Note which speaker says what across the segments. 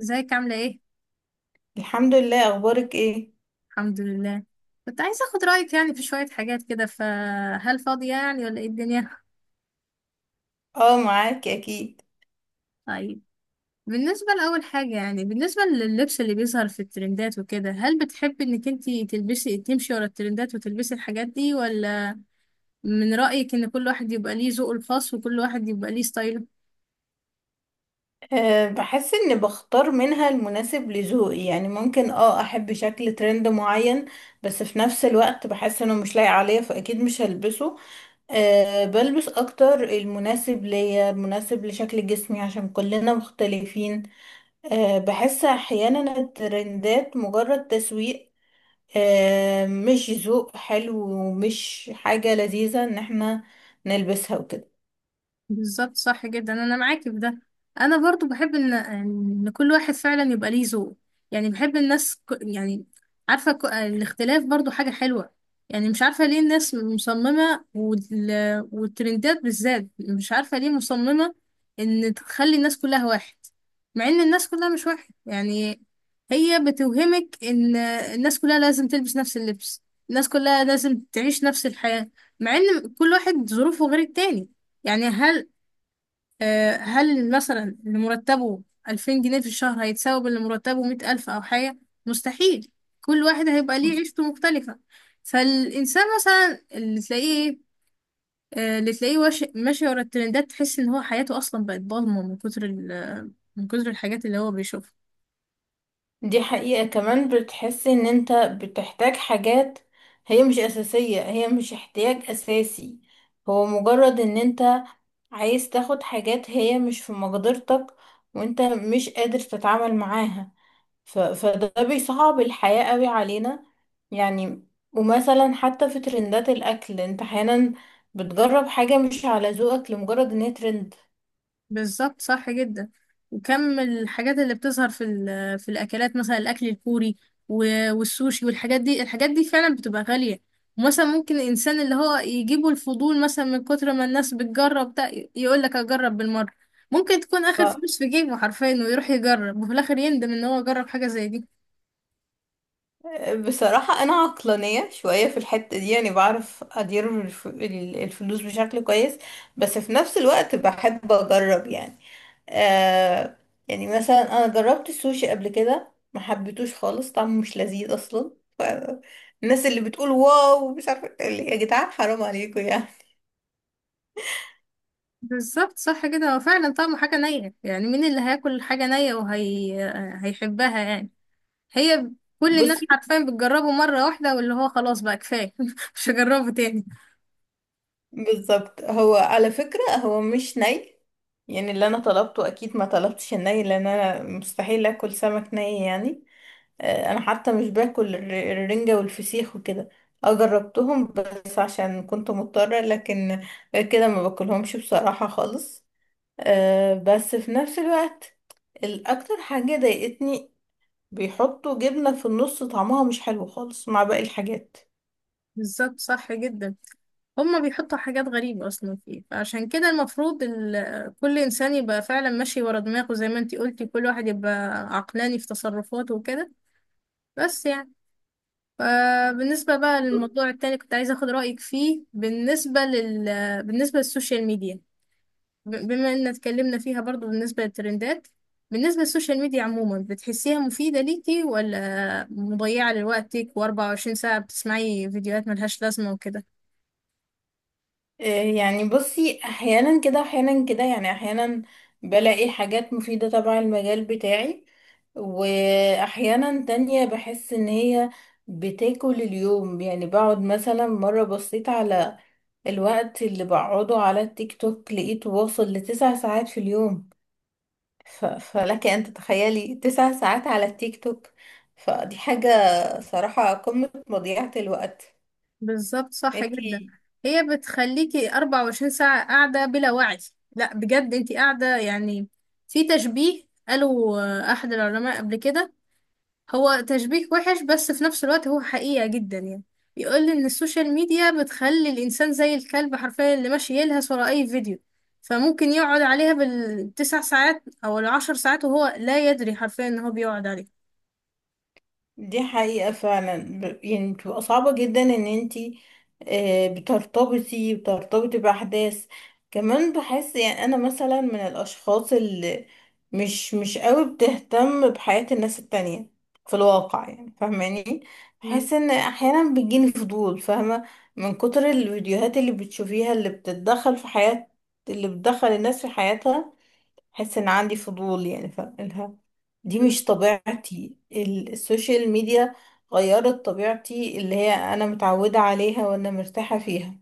Speaker 1: ازيك عاملة ايه؟
Speaker 2: الحمد لله، اخبارك ايه؟
Speaker 1: الحمد لله. كنت عايزة اخد رأيك يعني في شوية حاجات كده، فهل فاضية يعني ولا ايه الدنيا؟
Speaker 2: اه، معاكي اكيد.
Speaker 1: طيب. بالنسبة لأول حاجة، يعني بالنسبة لللبس اللي بيظهر في الترندات وكده، هل بتحبي انك انتي تلبسي تمشي ورا الترندات وتلبسي الحاجات دي، ولا من رأيك ان كل واحد يبقى ليه ذوقه الخاص وكل واحد يبقى ليه ستايله؟
Speaker 2: أه، بحس اني بختار منها المناسب لذوقي، يعني ممكن احب شكل ترند معين، بس في نفس الوقت بحس انه مش لايق عليا فاكيد مش هلبسه. أه، بلبس اكتر المناسب ليا المناسب لشكل جسمي عشان كلنا مختلفين. أه، بحس احيانا الترندات مجرد تسويق. أه، مش ذوق حلو ومش حاجة لذيذة ان احنا نلبسها وكده.
Speaker 1: بالظبط، صح جدا، انا معاكي في ده. انا برضو بحب ان كل واحد فعلا يبقى ليه ذوق. يعني بحب الناس يعني، عارفه، الاختلاف برضو حاجه حلوه. يعني مش عارفه ليه الناس مصممه، والترندات بالذات، مش عارفه ليه مصممه ان تخلي الناس كلها واحد، مع ان الناس كلها مش واحد يعني. هي بتوهمك ان الناس كلها لازم تلبس نفس اللبس، الناس كلها لازم تعيش نفس الحياه، مع ان كل واحد ظروفه غير التاني. يعني هل، هل مثلا اللي مرتبه 2000 جنيه في الشهر هيتساوي باللي مرتبه 100,000 أو حاجة؟ مستحيل. كل واحد هيبقى ليه عيشته مختلفة. فالإنسان مثلا اللي تلاقيه إيه، آه، اللي تلاقيه ماشي ورا الترندات، تحس إن هو حياته أصلا بقت ضلمة من كتر من كتر الحاجات اللي هو بيشوفها.
Speaker 2: دي حقيقة، كمان بتحسي ان انت بتحتاج حاجات هي مش اساسية، هي مش احتياج اساسي، هو مجرد ان انت عايز تاخد حاجات هي مش في مقدرتك وانت مش قادر تتعامل معاها. فده بيصعب الحياة قوي علينا يعني. ومثلا حتى في ترندات الاكل انت احيانا بتجرب حاجة مش على ذوقك لمجرد ان هي ترند.
Speaker 1: بالظبط، صح جدا. وكم الحاجات اللي بتظهر في في الاكلات، مثلا الاكل الكوري والسوشي والحاجات دي، الحاجات دي فعلا بتبقى غالية. ومثلا ممكن الانسان اللي هو يجيبه الفضول مثلا من كتر ما الناس بتجرب ده، يقول لك اجرب بالمرة. ممكن تكون اخر فلوس في جيبه حرفيا ويروح يجرب، وفي الاخر يندم ان هو جرب حاجة زي دي.
Speaker 2: بصراحة أنا عقلانية شوية في الحتة دي، يعني بعرف أدير الفلوس بشكل كويس، بس في نفس الوقت بحب أجرب يعني. آه. يعني مثلا أنا جربت السوشي قبل كده، ما حبيتوش خالص، طعمه مش لذيذ أصلا. ف- الناس اللي بتقول واو مش عارفة اللي، يا جدعان حرام عليكم يعني.
Speaker 1: بالظبط، صح كده. هو فعلا طعمه حاجة نية، يعني مين اللي هياكل حاجة نية وهي هيحبها يعني؟ هي كل الناس
Speaker 2: بصي.
Speaker 1: حرفيا بتجربه مرة واحدة واللي هو خلاص بقى كفاية مش هجربه تاني.
Speaker 2: بالظبط، هو على فكرة هو مش ني، يعني اللي أنا طلبته أكيد ما طلبتش الني، لأن أنا مستحيل أكل سمك ني يعني. آه، انا حتى مش باكل الرنجة والفسيخ وكده. اه، جربتهم بس عشان كنت مضطرة، لكن غير كده ما باكلهمش بصراحة خالص. آه، بس في نفس الوقت الاكتر حاجة ضايقتني بيحطوا جبنة في النص، طعمها مش حلو خالص مع باقي الحاجات.
Speaker 1: بالظبط، صح جدا. هما بيحطوا حاجات غريبة أصلا فيه، فعشان كده المفروض كل إنسان يبقى فعلا ماشي ورا دماغه، زي ما انتي قلتي، كل واحد يبقى عقلاني في تصرفاته وكده. بس يعني، فبالنسبة بقى للموضوع التاني كنت عايزة أخد رأيك فيه. بالنسبة للسوشيال ميديا، بما ان اتكلمنا فيها برضو بالنسبة للترندات، بالنسبة للسوشيال ميديا عموما، بتحسيها مفيدة ليكي ولا مضيعة لوقتك و24 ساعة بتسمعي فيديوهات ملهاش لازمة وكده؟
Speaker 2: آه، يعني بصي، احيانا كده احيانا كده، يعني احيانا بلاقي حاجات مفيدة تبع المجال بتاعي، واحيانا تانية بحس ان هي بتاكل اليوم، يعني بقعد مثلا مرة بصيت على الوقت اللي بقعده على التيك توك لقيته واصل لتسع ساعات في اليوم. فلك ان تتخيلي تسع ساعات على التيك توك. فدي حاجة صراحة قمة مضيعة الوقت.
Speaker 1: بالظبط، صح جدا.
Speaker 2: انتي،
Speaker 1: هي بتخليكي 24 ساعة قاعدة بلا وعي. لا بجد، انتي قاعدة يعني. في تشبيه قالوا احد العلماء قبل كده، هو تشبيه وحش بس في نفس الوقت هو حقيقة جدا يعني، بيقول ان السوشيال ميديا بتخلي الانسان زي الكلب حرفيا، اللي ماشي يلهث ورا اي فيديو. فممكن يقعد عليها بالتسع ساعات او العشر ساعات وهو لا يدري حرفيا ان هو بيقعد عليها.
Speaker 2: دي حقيقة فعلا، يعني بتبقى صعبة جدا ان انتي، بترتبطي بأحداث. كمان بحس يعني انا مثلا من الاشخاص اللي مش قوي بتهتم بحياة الناس التانية في الواقع، يعني فاهماني.
Speaker 1: مم.
Speaker 2: بحس ان احيانا بيجيني فضول، فاهمة، من كتر الفيديوهات اللي بتشوفيها اللي بتتدخل في حياة، اللي بتدخل الناس في حياتها. حس ان عندي فضول يعني، فقلها دي مش طبيعتي، السوشيال ميديا غيرت طبيعتي اللي هي انا متعودة عليها وانا مرتاحة فيها.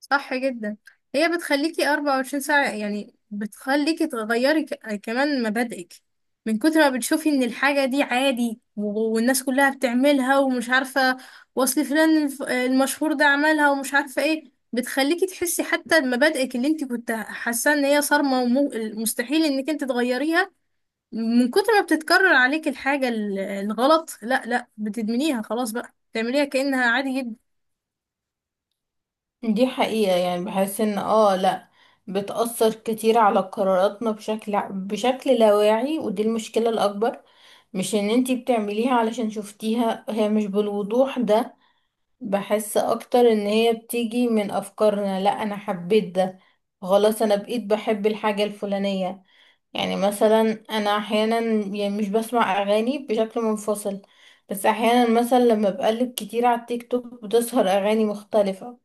Speaker 1: صح جدا. هي بتخليكي 24 ساعة، يعني بتخليكي تغيري كمان مبادئك من كتر ما بتشوفي ان الحاجة دي عادي والناس كلها بتعملها، ومش عارفة وصل فلان المشهور ده عملها، ومش عارفة ايه. بتخليكي تحسي حتى مبادئك اللي انت كنت حاسة ان هي صارمة ومستحيل انك انت تغيريها، من كتر ما بتتكرر عليك الحاجة الغلط، لا لا، بتدمنيها، خلاص بقى تعمليها كأنها عادي جدا.
Speaker 2: دي حقيقة، يعني بحس ان لا، بتأثر كتير على قراراتنا بشكل لا واعي، ودي المشكلة الأكبر. مش ان انتي بتعمليها علشان شفتيها، هي مش بالوضوح ده. بحس اكتر ان هي بتيجي من افكارنا، لا انا حبيت ده، خلاص انا بقيت بحب الحاجة الفلانية. يعني مثلا انا احيانا، يعني مش بسمع اغاني بشكل منفصل، بس احيانا مثلا لما بقلب كتير على التيك توك بتظهر اغاني مختلفة،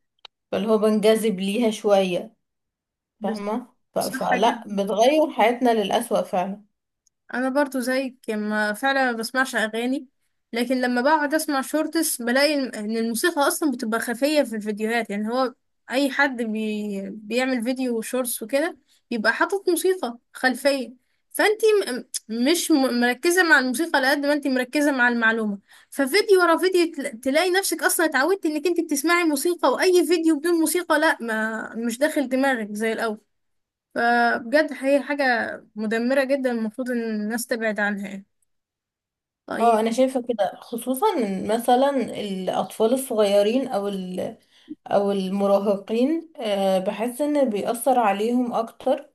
Speaker 2: فاللي هو بنجذب ليها شوية
Speaker 1: بس-
Speaker 2: فاهمة.
Speaker 1: صح
Speaker 2: فلا
Speaker 1: جدا.
Speaker 2: بتغير حياتنا للأسوأ فعلا.
Speaker 1: انا برضو زيك، يعني ما فعلا ما بسمعش اغاني، لكن لما بقعد اسمع شورتس بلاقي ان الموسيقى اصلا بتبقى خفية في الفيديوهات. يعني هو اي حد بيعمل فيديو شورتس وكده بيبقى حاطط موسيقى خلفية. فانتي م... م- مش م... مركزة مع الموسيقى على قد ما انتي مركزة مع المعلومة. ففيديو ورا فيديو تلاقي نفسك اصلا اتعودتي انك انتي بتسمعي موسيقى، واي فيديو بدون موسيقى لا، ما مش داخل دماغك زي الاول. فبجد هي حاجة مدمرة جدا، المفروض ان الناس تبعد عنها يعني.
Speaker 2: اه،
Speaker 1: طيب.
Speaker 2: انا شايفة كده خصوصا إن مثلا الاطفال الصغيرين او او المراهقين، آه، بحس ان بيأثر عليهم اكتر.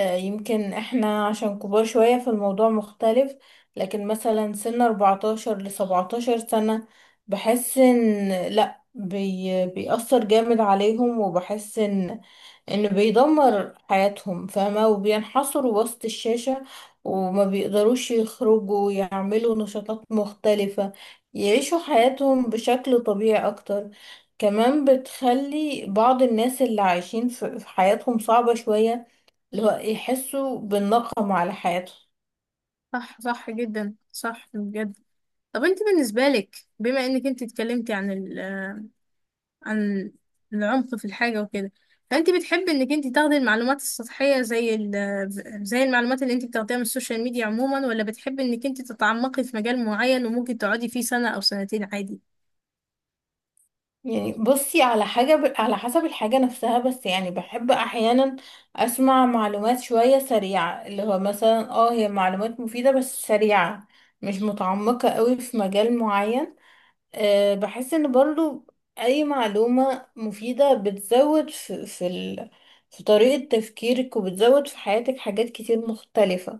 Speaker 2: آه، يمكن احنا عشان كبار شوية فالموضوع مختلف، لكن مثلا سن 14 ل 17 سنة بحس ان لا بيأثر جامد عليهم، وبحس انه بيدمر حياتهم فاهمة، وبينحصروا وسط الشاشة وما بيقدروش يخرجوا يعملوا نشاطات مختلفة يعيشوا حياتهم بشكل طبيعي اكتر. كمان بتخلي بعض الناس اللي عايشين في حياتهم صعبة شوية، اللي هو يحسوا بالنقم على حياتهم.
Speaker 1: صح، صح جدا، صح بجد. طب انت بالنسبة لك، بما انك انت اتكلمتي عن العمق في الحاجة وكده، فانت بتحبي انك انت تاخدي المعلومات السطحية، زي المعلومات اللي انت بتاخديها من السوشيال ميديا عموما، ولا بتحبي انك انت تتعمقي في مجال معين وممكن تقعدي فيه سنة او سنتين عادي؟
Speaker 2: يعني بصي على حاجة، على حسب الحاجة نفسها، بس يعني بحب أحيانا أسمع معلومات شوية سريعة، اللي هو مثلا هي معلومات مفيدة بس سريعة، مش متعمقة قوي في مجال معين. أه، بحس إن برضو أي معلومة مفيدة بتزود في طريقة تفكيرك، وبتزود في حياتك حاجات كتير مختلفة.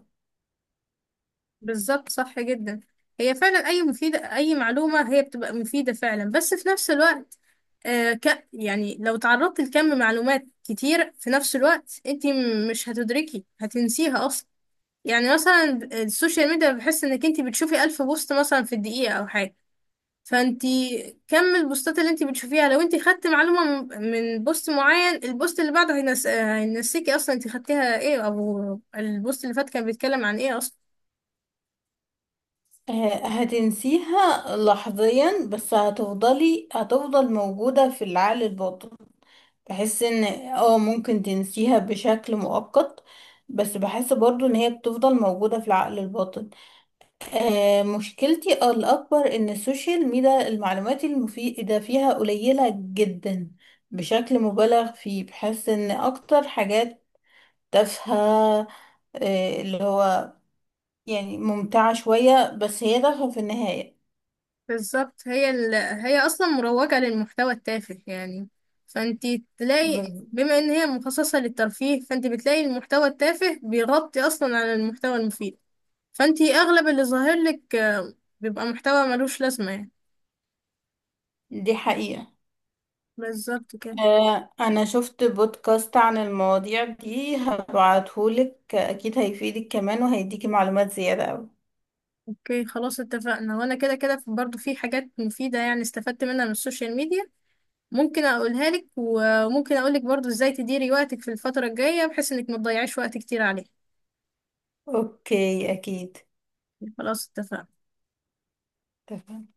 Speaker 1: بالظبط، صح جدا. هي فعلا اي معلومة هي بتبقى مفيدة فعلا، بس في نفس الوقت آه ك يعني لو تعرضت لكم معلومات كتير في نفس الوقت، انت مش هتدركي، هتنسيها اصلا. يعني مثلا السوشيال ميديا، بحس انك انت بتشوفي ألف بوست مثلا في الدقيقة او حاجة. فانت كم البوستات اللي انت بتشوفيها، لو انت خدت معلومة من بوست معين، البوست اللي بعده هينسيكي اصلا انت خدتيها ايه، او البوست اللي فات كان بيتكلم عن ايه اصلا.
Speaker 2: أه، هتنسيها لحظيا بس هتفضل موجودة في العقل الباطن. بحس ان ممكن تنسيها بشكل مؤقت، بس بحس برضو ان هي بتفضل موجودة في العقل الباطن. آه، مشكلتي الأكبر ان السوشيال ميديا المعلومات المفيدة فيها قليلة جدا بشكل مبالغ فيه، بحس ان اكتر حاجات تافهة، آه، اللي هو يعني ممتعة شوية بس هي تافهة في النهاية.
Speaker 1: بالظبط. هي اصلا مروجة للمحتوى التافه يعني. فانت تلاقي
Speaker 2: ب-
Speaker 1: بما ان هي مخصصة للترفيه، فانت بتلاقي المحتوى التافه بيغطي اصلا على المحتوى المفيد. فانت اغلب اللي ظاهر لك بيبقى محتوى ملوش لازمة يعني.
Speaker 2: دي حقيقة.
Speaker 1: بالظبط كده.
Speaker 2: آه، انا شفت بودكاست عن المواضيع دي هبعتهولك اكيد هيفيدك كمان وهيديكي معلومات زيادة اوي.
Speaker 1: اوكي، خلاص، اتفقنا. وانا كده كده برضو في حاجات مفيدة يعني، استفدت منها من السوشيال ميديا. ممكن اقولها لك، وممكن اقولك برضو ازاي تديري وقتك في الفترة الجاية بحيث انك ما تضيعيش وقت كتير عليه.
Speaker 2: اوكي اكيد.
Speaker 1: خلاص، اتفقنا.
Speaker 2: تمام.